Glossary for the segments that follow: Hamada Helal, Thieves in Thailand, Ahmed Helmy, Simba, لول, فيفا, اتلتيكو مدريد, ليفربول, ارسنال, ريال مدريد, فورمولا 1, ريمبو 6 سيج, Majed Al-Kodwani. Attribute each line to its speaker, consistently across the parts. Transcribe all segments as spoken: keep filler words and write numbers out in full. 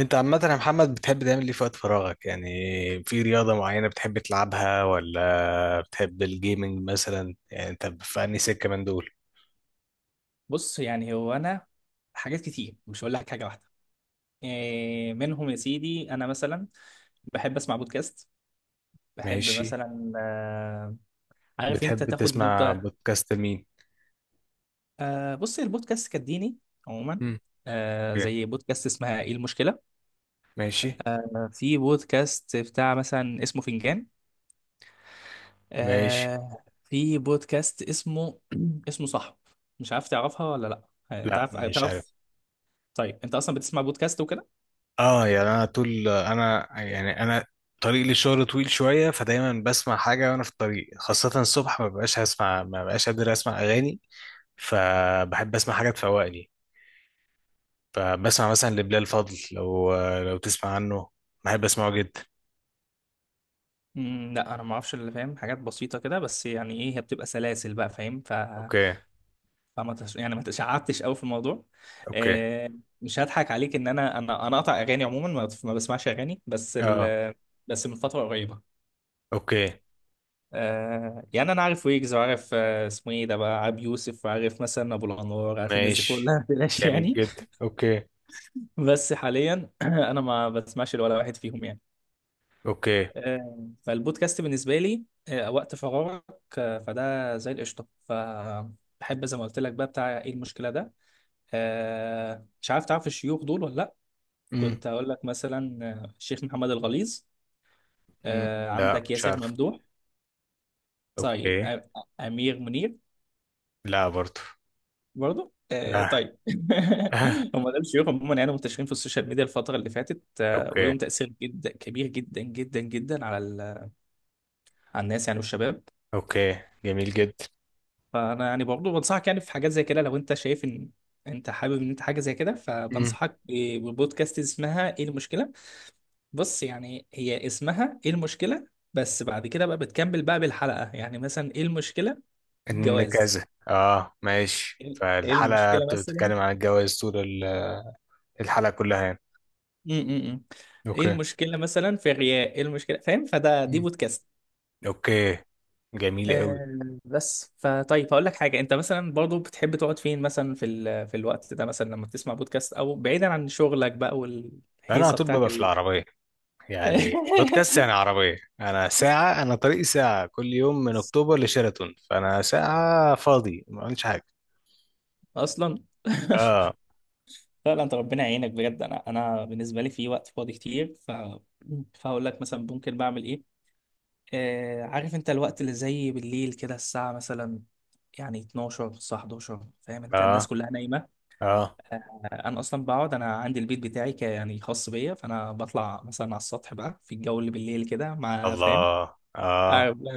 Speaker 1: انت عامة يا محمد، بتحب تعمل ايه في وقت فراغك يعني؟ في رياضة معينة بتحب تلعبها، ولا بتحب الجيمنج مثلا؟ يعني انت في انهي سكة من دول؟
Speaker 2: بص، يعني هو انا حاجات كتير. مش هقول لك حاجه واحده. إيه منهم يا سيدي. انا مثلا بحب اسمع بودكاست. بحب
Speaker 1: ماشي.
Speaker 2: مثلا آه عارف انت
Speaker 1: بتحب
Speaker 2: تاخد
Speaker 1: تسمع
Speaker 2: نقطه.
Speaker 1: بودكاست مين؟
Speaker 2: آه بص، البودكاست كديني عموما.
Speaker 1: مم.
Speaker 2: آه
Speaker 1: اوكي.
Speaker 2: زي بودكاست اسمها ايه المشكله.
Speaker 1: ماشي،
Speaker 2: آه، في بودكاست بتاع مثلا اسمه فنجان.
Speaker 1: ماشي.
Speaker 2: آه في بودكاست اسمه اسمه صح. مش عارف تعرفها ولا لا. آه، انت
Speaker 1: لا،
Speaker 2: عارف
Speaker 1: مش
Speaker 2: تعرف؟
Speaker 1: عارف.
Speaker 2: طيب انت اصلا بتسمع بودكاست وكده؟
Speaker 1: اه، يعني انا طول انا يعني انا طريق للشغل طويل شوية، فدايما بسمع حاجة وانا في الطريق، خاصة الصبح ما ببقاش هسمع ما ببقاش قادر اسمع اغاني، فبحب اسمع حاجة تفوقني. فبسمع مثلا لبلال فضل، لو لو تسمع عنه. بحب اسمعه جدا.
Speaker 2: مم، لا انا ما اعرفش اللي فاهم. حاجات بسيطه كده بس، يعني ايه، هي بتبقى سلاسل بقى، فاهم. ف...
Speaker 1: اوكي،
Speaker 2: فما تش... يعني ما تشعبتش قوي في الموضوع.
Speaker 1: اوكي.
Speaker 2: آه، مش هضحك عليك، ان انا انا انا قاطع اغاني عموما. ما, ما بسمعش اغاني. بس
Speaker 1: اه،
Speaker 2: ال... بس من فتره قريبه.
Speaker 1: اوكي.
Speaker 2: آه، يعني انا عارف ويجز، وعارف آه، اسمه ايه ده بقى، عبد يوسف، وعارف مثلا ابو الانوار. عارف الناس دي
Speaker 1: ماشي،
Speaker 2: كلها، بلاش
Speaker 1: جميل
Speaker 2: يعني.
Speaker 1: جدا. اوكي،
Speaker 2: بس حاليا انا ما بسمعش ولا واحد فيهم يعني.
Speaker 1: اوكي.
Speaker 2: آه، فالبودكاست بالنسبة لي، آه، وقت فراغك، آه، فده زي القشطة. فبحب زي ما قلت لك بقى بتاع ايه المشكلة ده. آه، مش عارف تعرف الشيوخ دول ولا لأ؟
Speaker 1: امم.
Speaker 2: كنت هقول لك مثلا آه، الشيخ محمد الغليظ،
Speaker 1: أمم.
Speaker 2: آه،
Speaker 1: لا،
Speaker 2: عندك
Speaker 1: مش
Speaker 2: ياسر
Speaker 1: عارف.
Speaker 2: ممدوح. طيب
Speaker 1: اوكي.
Speaker 2: آه، أمير منير.
Speaker 1: لا، برضو.
Speaker 2: برضه آه،
Speaker 1: لا.
Speaker 2: طيب.
Speaker 1: آه.
Speaker 2: هم دول الشيوخ عموما، يعني منتشرين في السوشيال ميديا الفترة اللي فاتت. آه،
Speaker 1: اوكي،
Speaker 2: وليهم تأثير جدا كبير، جدا جدا جدا، على ال- على الناس يعني والشباب.
Speaker 1: اوكي. جميل جدا.
Speaker 2: فانا يعني برضه بنصحك، يعني في حاجات زي كده، لو انت شايف ان انت حابب ان انت حاجه زي كده،
Speaker 1: امم.
Speaker 2: فبنصحك ب- ببودكاست اسمها ايه المشكله. بص يعني هي اسمها ايه المشكله، بس بعد كده بقى بتكمل بقى بالحلقه. يعني مثلا ايه المشكله في
Speaker 1: ان كذا،
Speaker 2: الجواز،
Speaker 1: اه ماشي.
Speaker 2: ايه إيه
Speaker 1: فالحلقة
Speaker 2: المشكله مثلا.
Speaker 1: بتتكلم عن الجواز طول ال- الحلقة كلها يعني.
Speaker 2: م -م -م. ايه
Speaker 1: اوكي.
Speaker 2: المشكله مثلا في الرياء، ايه المشكله، فاهم؟ فده دي
Speaker 1: أمم.
Speaker 2: بودكاست.
Speaker 1: اوكي، جميل قوي.
Speaker 2: آه، بس فطيب هقول لك حاجه. انت مثلا برضو بتحب تقعد فين مثلا في ال... في الوقت ده، مثلا لما بتسمع بودكاست، او بعيدا عن شغلك بقى،
Speaker 1: انا على
Speaker 2: والهيصه
Speaker 1: طول
Speaker 2: بتاعت
Speaker 1: ببقى في
Speaker 2: ال...
Speaker 1: العربية، يعني بودكاست يعني عربية. أنا ساعة، أنا طريقي ساعة كل يوم من أكتوبر لشيراتون، فأنا ساعة فاضي ما عملتش حاجة.
Speaker 2: اصلا.
Speaker 1: آه.
Speaker 2: فعلا انت ربنا يعينك بجد. انا، انا بالنسبه لي في وقت فاضي كتير، ف فهقول لك مثلا ممكن بعمل ايه. آه عارف انت الوقت اللي زي بالليل كده، الساعه مثلا يعني اثنا عشر، الساعه حداشر، فاهم انت، الناس
Speaker 1: آه.
Speaker 2: كلها نايمه.
Speaker 1: آه.
Speaker 2: آه، انا اصلا بقعد، انا عندي البيت بتاعي، ك- يعني خاص بيا، فانا بطلع مثلا على السطح بقى في الجو اللي بالليل كده، مع، فاهم؟
Speaker 1: الله، آه.
Speaker 2: اعمل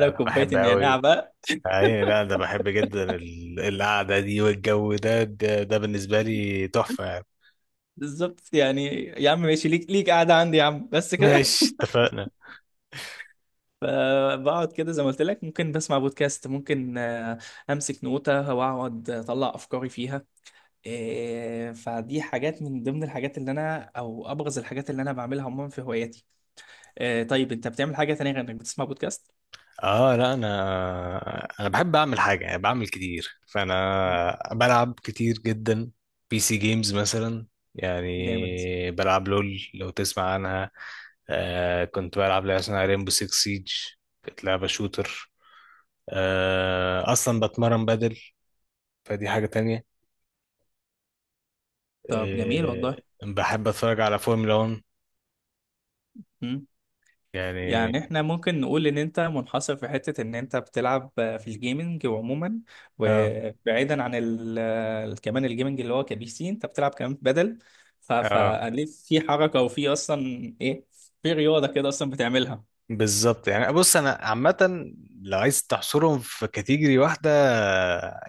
Speaker 1: ده
Speaker 2: لك
Speaker 1: أنا
Speaker 2: كوبايه
Speaker 1: بحب
Speaker 2: النعناع
Speaker 1: أوي.
Speaker 2: بقى.
Speaker 1: أي، لا ده بحب جدا ال- القعدة دي والجو ده ده, ده بالنسبة لي تحفة يعني.
Speaker 2: بالظبط يعني يا عم، ماشي ليك، ليك قاعده عندي يا عم بس كده.
Speaker 1: ماشي، اتفقنا.
Speaker 2: فبقعد كده زي ما قلت لك، ممكن بسمع بودكاست، ممكن آه، امسك نوتة واقعد اطلع افكاري فيها. آه، فدي حاجات من ضمن الحاجات اللي انا، او ابرز الحاجات اللي انا بعملها عموما في هواياتي. آه، طيب انت بتعمل حاجه تانية غير انك بتسمع بودكاست؟
Speaker 1: اه لا، انا انا بحب اعمل حاجه، يعني بعمل كتير، فانا بلعب كتير جدا بي سي جيمز مثلا.
Speaker 2: جامد.
Speaker 1: يعني بلعب لول، لو تسمع عنها. آه كنت بلعب لعبه اسمها ريمبو سيكس سيج، كانت لعبه شوتر. آه اصلا بتمرن بدل، فدي حاجه تانية.
Speaker 2: طب جميل
Speaker 1: آه
Speaker 2: والله.
Speaker 1: بحب اتفرج على فورمولا واحد
Speaker 2: مم.
Speaker 1: يعني.
Speaker 2: يعني احنا ممكن نقول ان انت منحصر في حتة ان انت بتلعب في الجيمنج عموما،
Speaker 1: اه،
Speaker 2: وبعيدا عن ال كمان الجيمنج اللي هو كبي سي، انت بتلعب كمان بدل. ف
Speaker 1: اه
Speaker 2: فليه في حركة، وفي اصلا ايه، في رياضة كده اصلا بتعملها.
Speaker 1: بالظبط. يعني بص انا عامه، لو عايز تحصرهم في كاتيجوري واحده،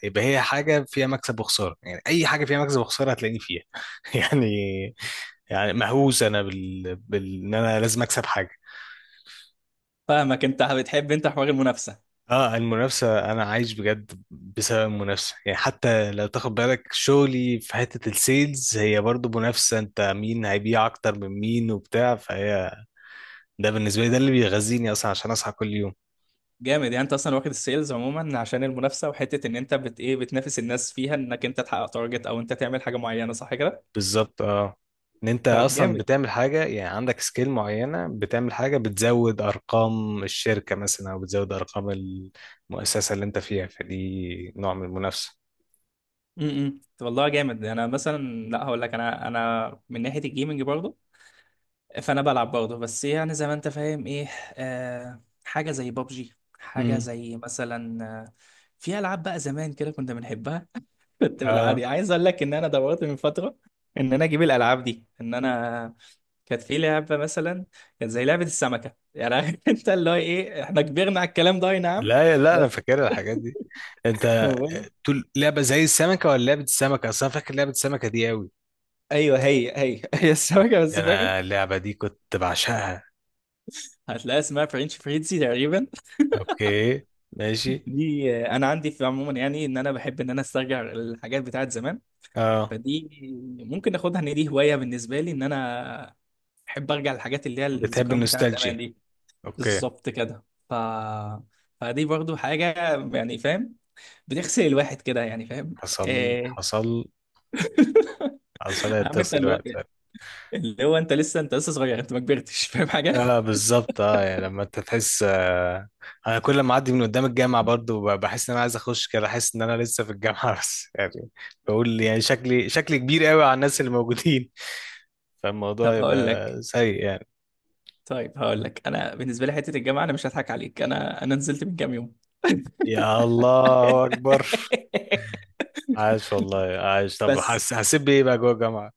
Speaker 1: يبقى هي حاجه فيها مكسب وخساره. يعني اي حاجه فيها مكسب وخساره هتلاقيني فيها. يعني، يعني مهووس انا بال... بال... ان انا لازم اكسب حاجه.
Speaker 2: فاهمك، انت بتحب انت حوار المنافسة.
Speaker 1: اه، المنافسه انا عايش بجد بسبب المنافسه، يعني حتى لو تاخد بالك شغلي في حته السيلز، هي برضو منافسه. انت مين هيبيع اكتر من مين وبتاع، فهي ده بالنسبه لي ده اللي بيغذيني اصلا عشان اصحى كل يوم.
Speaker 2: جامد. يعني انت اصلا واخد السيلز عموما عشان المنافسة، وحتة ان انت بت ايه، بتنافس الناس فيها انك انت تحقق تارجت، او انت تعمل حاجة معينة، صح كده؟
Speaker 1: بالظبط، اه. ان انت
Speaker 2: طب
Speaker 1: اصلا
Speaker 2: جامد.
Speaker 1: بتعمل حاجه، يعني عندك سكيل معينه، بتعمل حاجه بتزود ارقام الشركه مثلا او بتزود ارقام المؤسسه اللي انت فيها، فدي نوع من المنافسه.
Speaker 2: امم، والله جامد. انا مثلا، لا هقول لك، انا، انا من ناحيه الجيمنج برضه، فانا بلعب برضه، بس يعني زي ما انت فاهم ايه، آه حاجه زي بابجي، حاجه
Speaker 1: امم.
Speaker 2: زي مثلا آه في العاب بقى زمان كده كنا بنحبها. كنت
Speaker 1: اه
Speaker 2: بالعادي عايز اقول لك ان انا دورت من فتره ان انا اجيب الالعاب دي، ان انا كانت في لعبه مثلا، كانت زي لعبه السمكه يعني. انت اللي هو ايه، احنا كبرنا على الكلام ده، اي نعم،
Speaker 1: لا، لا انا
Speaker 2: بس
Speaker 1: فاكر الحاجات دي. انت
Speaker 2: هو-
Speaker 1: تقول لعبه زي السمكه ولا لعبه السمكه اصلا؟ فاكر لعبه السمكه دي قوي.
Speaker 2: ايوه، هي هي هي السمكه
Speaker 1: اوكي،
Speaker 2: بس،
Speaker 1: ده
Speaker 2: فاهم.
Speaker 1: انا اللعبه دي كنت بعشقها.
Speaker 2: هتلاقيها اسمها فرنش فريتزي تقريبا.
Speaker 1: اوكي، ماشي.
Speaker 2: دي آه، انا عندي في عموما يعني، ان انا بحب ان انا استرجع الحاجات بتاعت زمان.
Speaker 1: اه،
Speaker 2: فدي ممكن اخدها ان دي هوايه بالنسبه لي، ان انا احب ارجع للحاجات اللي هي
Speaker 1: بتحب
Speaker 2: الذكريات بتاعت زمان
Speaker 1: النوستالجيا.
Speaker 2: دي.
Speaker 1: اوكي.
Speaker 2: بالظبط كده. ف فدي برضو حاجه، يعني فاهم، بتغسل الواحد كده، يعني فاهم.
Speaker 1: حصل،
Speaker 2: آه،
Speaker 1: حصل. حصل،
Speaker 2: عارف انت
Speaker 1: اتصل
Speaker 2: اللي هو،
Speaker 1: الوقت.
Speaker 2: اللي هو انت لسه انت لسه صغير، انت ما كبرتش، فاهم حاجه.
Speaker 1: اه بالظبط. اه، يعني لما انت تحس، آه انا كل ما اعدي من قدام الجامعه، برضو ب- بحس ان انا عايز اخش كده، احس ان انا لسه في الجامعه. بس يعني بقول يعني شكلي شكلي كبير قوي على الناس اللي موجودين. فالموضوع
Speaker 2: طب هقول
Speaker 1: يبقى
Speaker 2: لك
Speaker 1: سيء يعني.
Speaker 2: طيب هقول لك، انا بالنسبه لي حته الجامعه، انا مش هضحك عليك، انا انا نزلت من كام يوم.
Speaker 1: يا الله اكبر. عايش والله عايش. طب
Speaker 2: بس
Speaker 1: حس هسيب ايه بقى جوه الجامعه.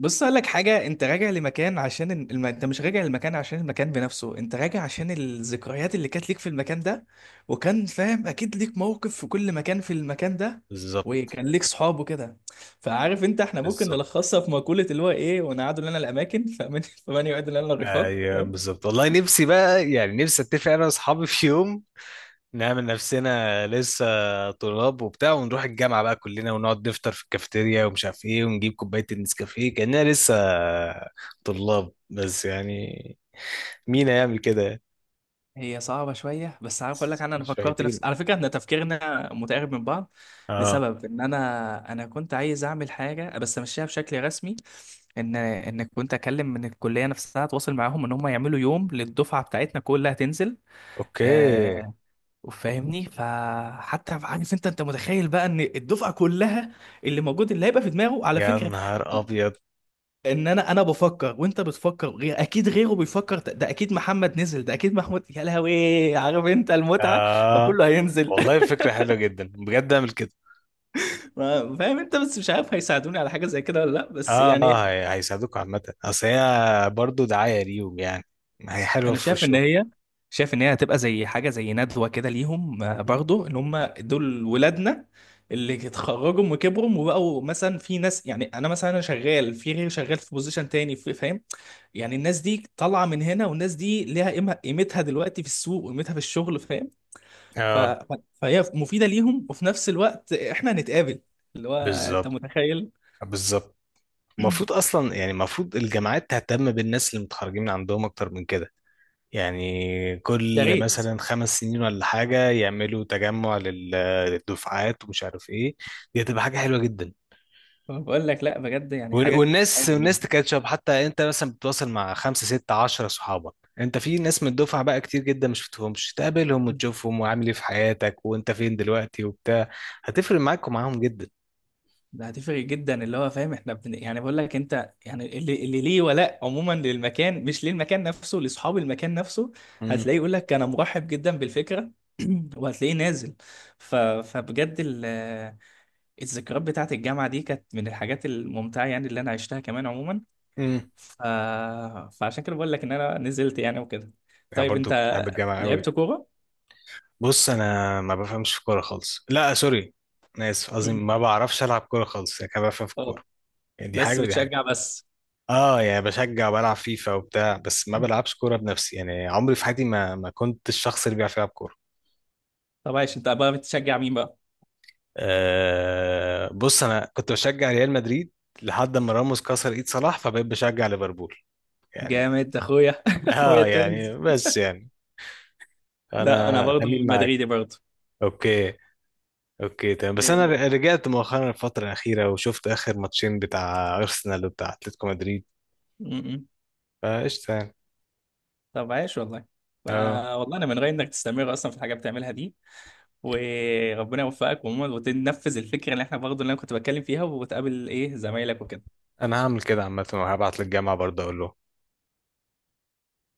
Speaker 2: بص اقول لك حاجه، انت راجع لمكان عشان الم... انت مش راجع للمكان عشان المكان بنفسه، انت راجع عشان الذكريات اللي كانت ليك في المكان ده، وكان فاهم اكيد ليك موقف في كل مكان، في المكان ده،
Speaker 1: بالظبط.
Speaker 2: وكان ليك صحاب وكده. فعارف انت، احنا ممكن
Speaker 1: بالظبط.
Speaker 2: نلخصها في مقوله، اللي هو ايه، ونقعدوا لنا الاماكن، فمن فمن يعد لنا الرفاق.
Speaker 1: ايوه بالظبط، والله نفسي بقى، يعني نفسي اتفق انا واصحابي في يوم، نعمل نفسنا لسه طلاب وبتاع، ونروح الجامعة بقى كلنا، ونقعد نفطر في الكافيتيريا، ومش عارف ايه، ونجيب كوباية النسكافيه كأننا لسه طلاب، بس يعني مين هيعمل كده يعني؟
Speaker 2: هي صعبة شوية، بس عارف أقول لك، أنا أنا فكرت نفس،
Speaker 1: شويتين.
Speaker 2: على فكرة إحنا تفكيرنا متقارب من بعض،
Speaker 1: اه.
Speaker 2: لسبب إن أنا أنا كنت عايز أعمل حاجة بس أمشيها بشكل رسمي. إن إن كنت أكلم من الكلية نفسها، أتواصل معاهم إن هم يعملوا يوم للدفعة بتاعتنا كلها تنزل.
Speaker 1: اوكي،
Speaker 2: آه فاهمني. فحتى عارف أنت أنت متخيل بقى إن الدفعة كلها، اللي موجود اللي هيبقى في دماغه، على
Speaker 1: يا
Speaker 2: فكرة،
Speaker 1: نهار ابيض.
Speaker 2: ان انا انا بفكر وانت بتفكر غير، اكيد غيره بيفكر ده ده اكيد محمد نزل، ده اكيد محمود، يا لهوي، عارف انت المتعه.
Speaker 1: اه
Speaker 2: فكله هينزل.
Speaker 1: والله فكرة حلوة جدا، بجد اعمل كده.
Speaker 2: ما- فاهم انت، بس مش عارف هيساعدوني على حاجه زي كده ولا لا، بس
Speaker 1: اه،
Speaker 2: يعني.
Speaker 1: اه هي- هيساعدوك عامة، اصل هي برضه دعاية ليهم يعني، هي حلوة
Speaker 2: انا
Speaker 1: في
Speaker 2: شايف ان
Speaker 1: وشهم.
Speaker 2: هي شايف ان هي هتبقى زي حاجه زي ندوه كده ليهم، آه، برضو ان هم دول ولادنا اللي اتخرجوا وكبروا وبقوا، مثلا في ناس، يعني انا مثلا انا شغال في غيري شغال في بوزيشن تاني، في- فاهم، يعني الناس دي طالعه من هنا، والناس دي ليها قيمة، قيمتها دلوقتي في السوق، وقيمتها في الشغل، فاهم. ف...
Speaker 1: اه
Speaker 2: ف- فهي مفيده ليهم، وفي نفس الوقت احنا هنتقابل، اللي هو انت
Speaker 1: بالظبط.
Speaker 2: متخيل.
Speaker 1: بالظبط. المفروض اصلا، يعني المفروض الجامعات تهتم بالناس اللي متخرجين من عندهم اكتر من كده، يعني
Speaker 2: يا
Speaker 1: كل
Speaker 2: ريت.
Speaker 1: مثلا خمس سنين ولا حاجه يعملوا تجمع لل- للدفعات، ومش عارف ايه. دي هتبقى حاجه حلوه جدا.
Speaker 2: بقول لك لا، بجد يعني
Speaker 1: وال-
Speaker 2: حاجه، حاجه
Speaker 1: والناس
Speaker 2: جميله.
Speaker 1: والناس تكاتشب، حتى انت مثلا بتتواصل مع خمسه سته عشره صحابك. انت في ناس من الدفعه بقى كتير جدا مش بتشوفهمش، تقابلهم وتشوفهم وعامل ايه في حياتك وانت فين دلوقتي وبتاع، هتفرق معاك ومعاهم جدا.
Speaker 2: ده هتفرق جدا، اللي هو فاهم احنا بن... يعني بقول لك انت، يعني اللي, اللي ليه ولاء عموما للمكان، مش للمكان نفسه، لاصحاب المكان نفسه.
Speaker 1: امم.
Speaker 2: هتلاقيه يقول لك انا مرحب جدا بالفكره. وهتلاقيه نازل. ف... فبجد ال... الذكريات بتاعت الجامعه دي كانت من الحاجات الممتعه، يعني اللي انا عشتها كمان عموما.
Speaker 1: امم.
Speaker 2: ف... فعشان كده بقول لك ان انا نزلت يعني وكده.
Speaker 1: يعني
Speaker 2: طيب انت
Speaker 1: برضو كنت بحب الجامعه قوي.
Speaker 2: لعبت كوره؟
Speaker 1: بص انا ما بفهمش في كوره خالص. لا، سوري. انا اسف، قصدي
Speaker 2: مم.
Speaker 1: ما بعرفش العب كوره خالص، يعني كده بفهم في
Speaker 2: اه،
Speaker 1: الكوره، يعني دي
Speaker 2: بس
Speaker 1: حاجه ودي حاجه.
Speaker 2: بتشجع بس؟
Speaker 1: اه يعني بشجع وبلعب فيفا وبتاع، بس ما بلعبش كوره بنفسي. يعني عمري في حياتي ما ما كنت الشخص اللي بيعرف يلعب كوره.
Speaker 2: طب عايش، انت بقى بتشجع مين بقى؟
Speaker 1: آه بص انا كنت بشجع ريال مدريد، لحد ما راموس كسر ايد صلاح، فبقيت بشجع ليفربول يعني.
Speaker 2: جامد، اخويا. اخويا
Speaker 1: اه
Speaker 2: التوينز.
Speaker 1: يعني بس يعني
Speaker 2: لا، انا
Speaker 1: انا
Speaker 2: برضه
Speaker 1: امين معاك.
Speaker 2: مدريدي برضه.
Speaker 1: اوكي، اوكي تمام. بس انا
Speaker 2: إيه.
Speaker 1: ر- رجعت مؤخرا الفتره الاخيره، وشفت اخر ماتشين بتاع ارسنال وبتاع اتلتيكو مدريد،
Speaker 2: م-م.
Speaker 1: فقشطه يعني.
Speaker 2: طب عايش والله. ف-
Speaker 1: اه،
Speaker 2: والله انا من رايي انك تستمر اصلا في الحاجه بتعملها دي، وربنا يوفقك، ومو- وتنفذ الفكره اللي احنا برضه، اللي انا كنت بتكلم فيها، وتقابل ايه زمايلك وكده.
Speaker 1: انا هعمل كده عامه، وهبعت للجامعه برضه اقول لهم.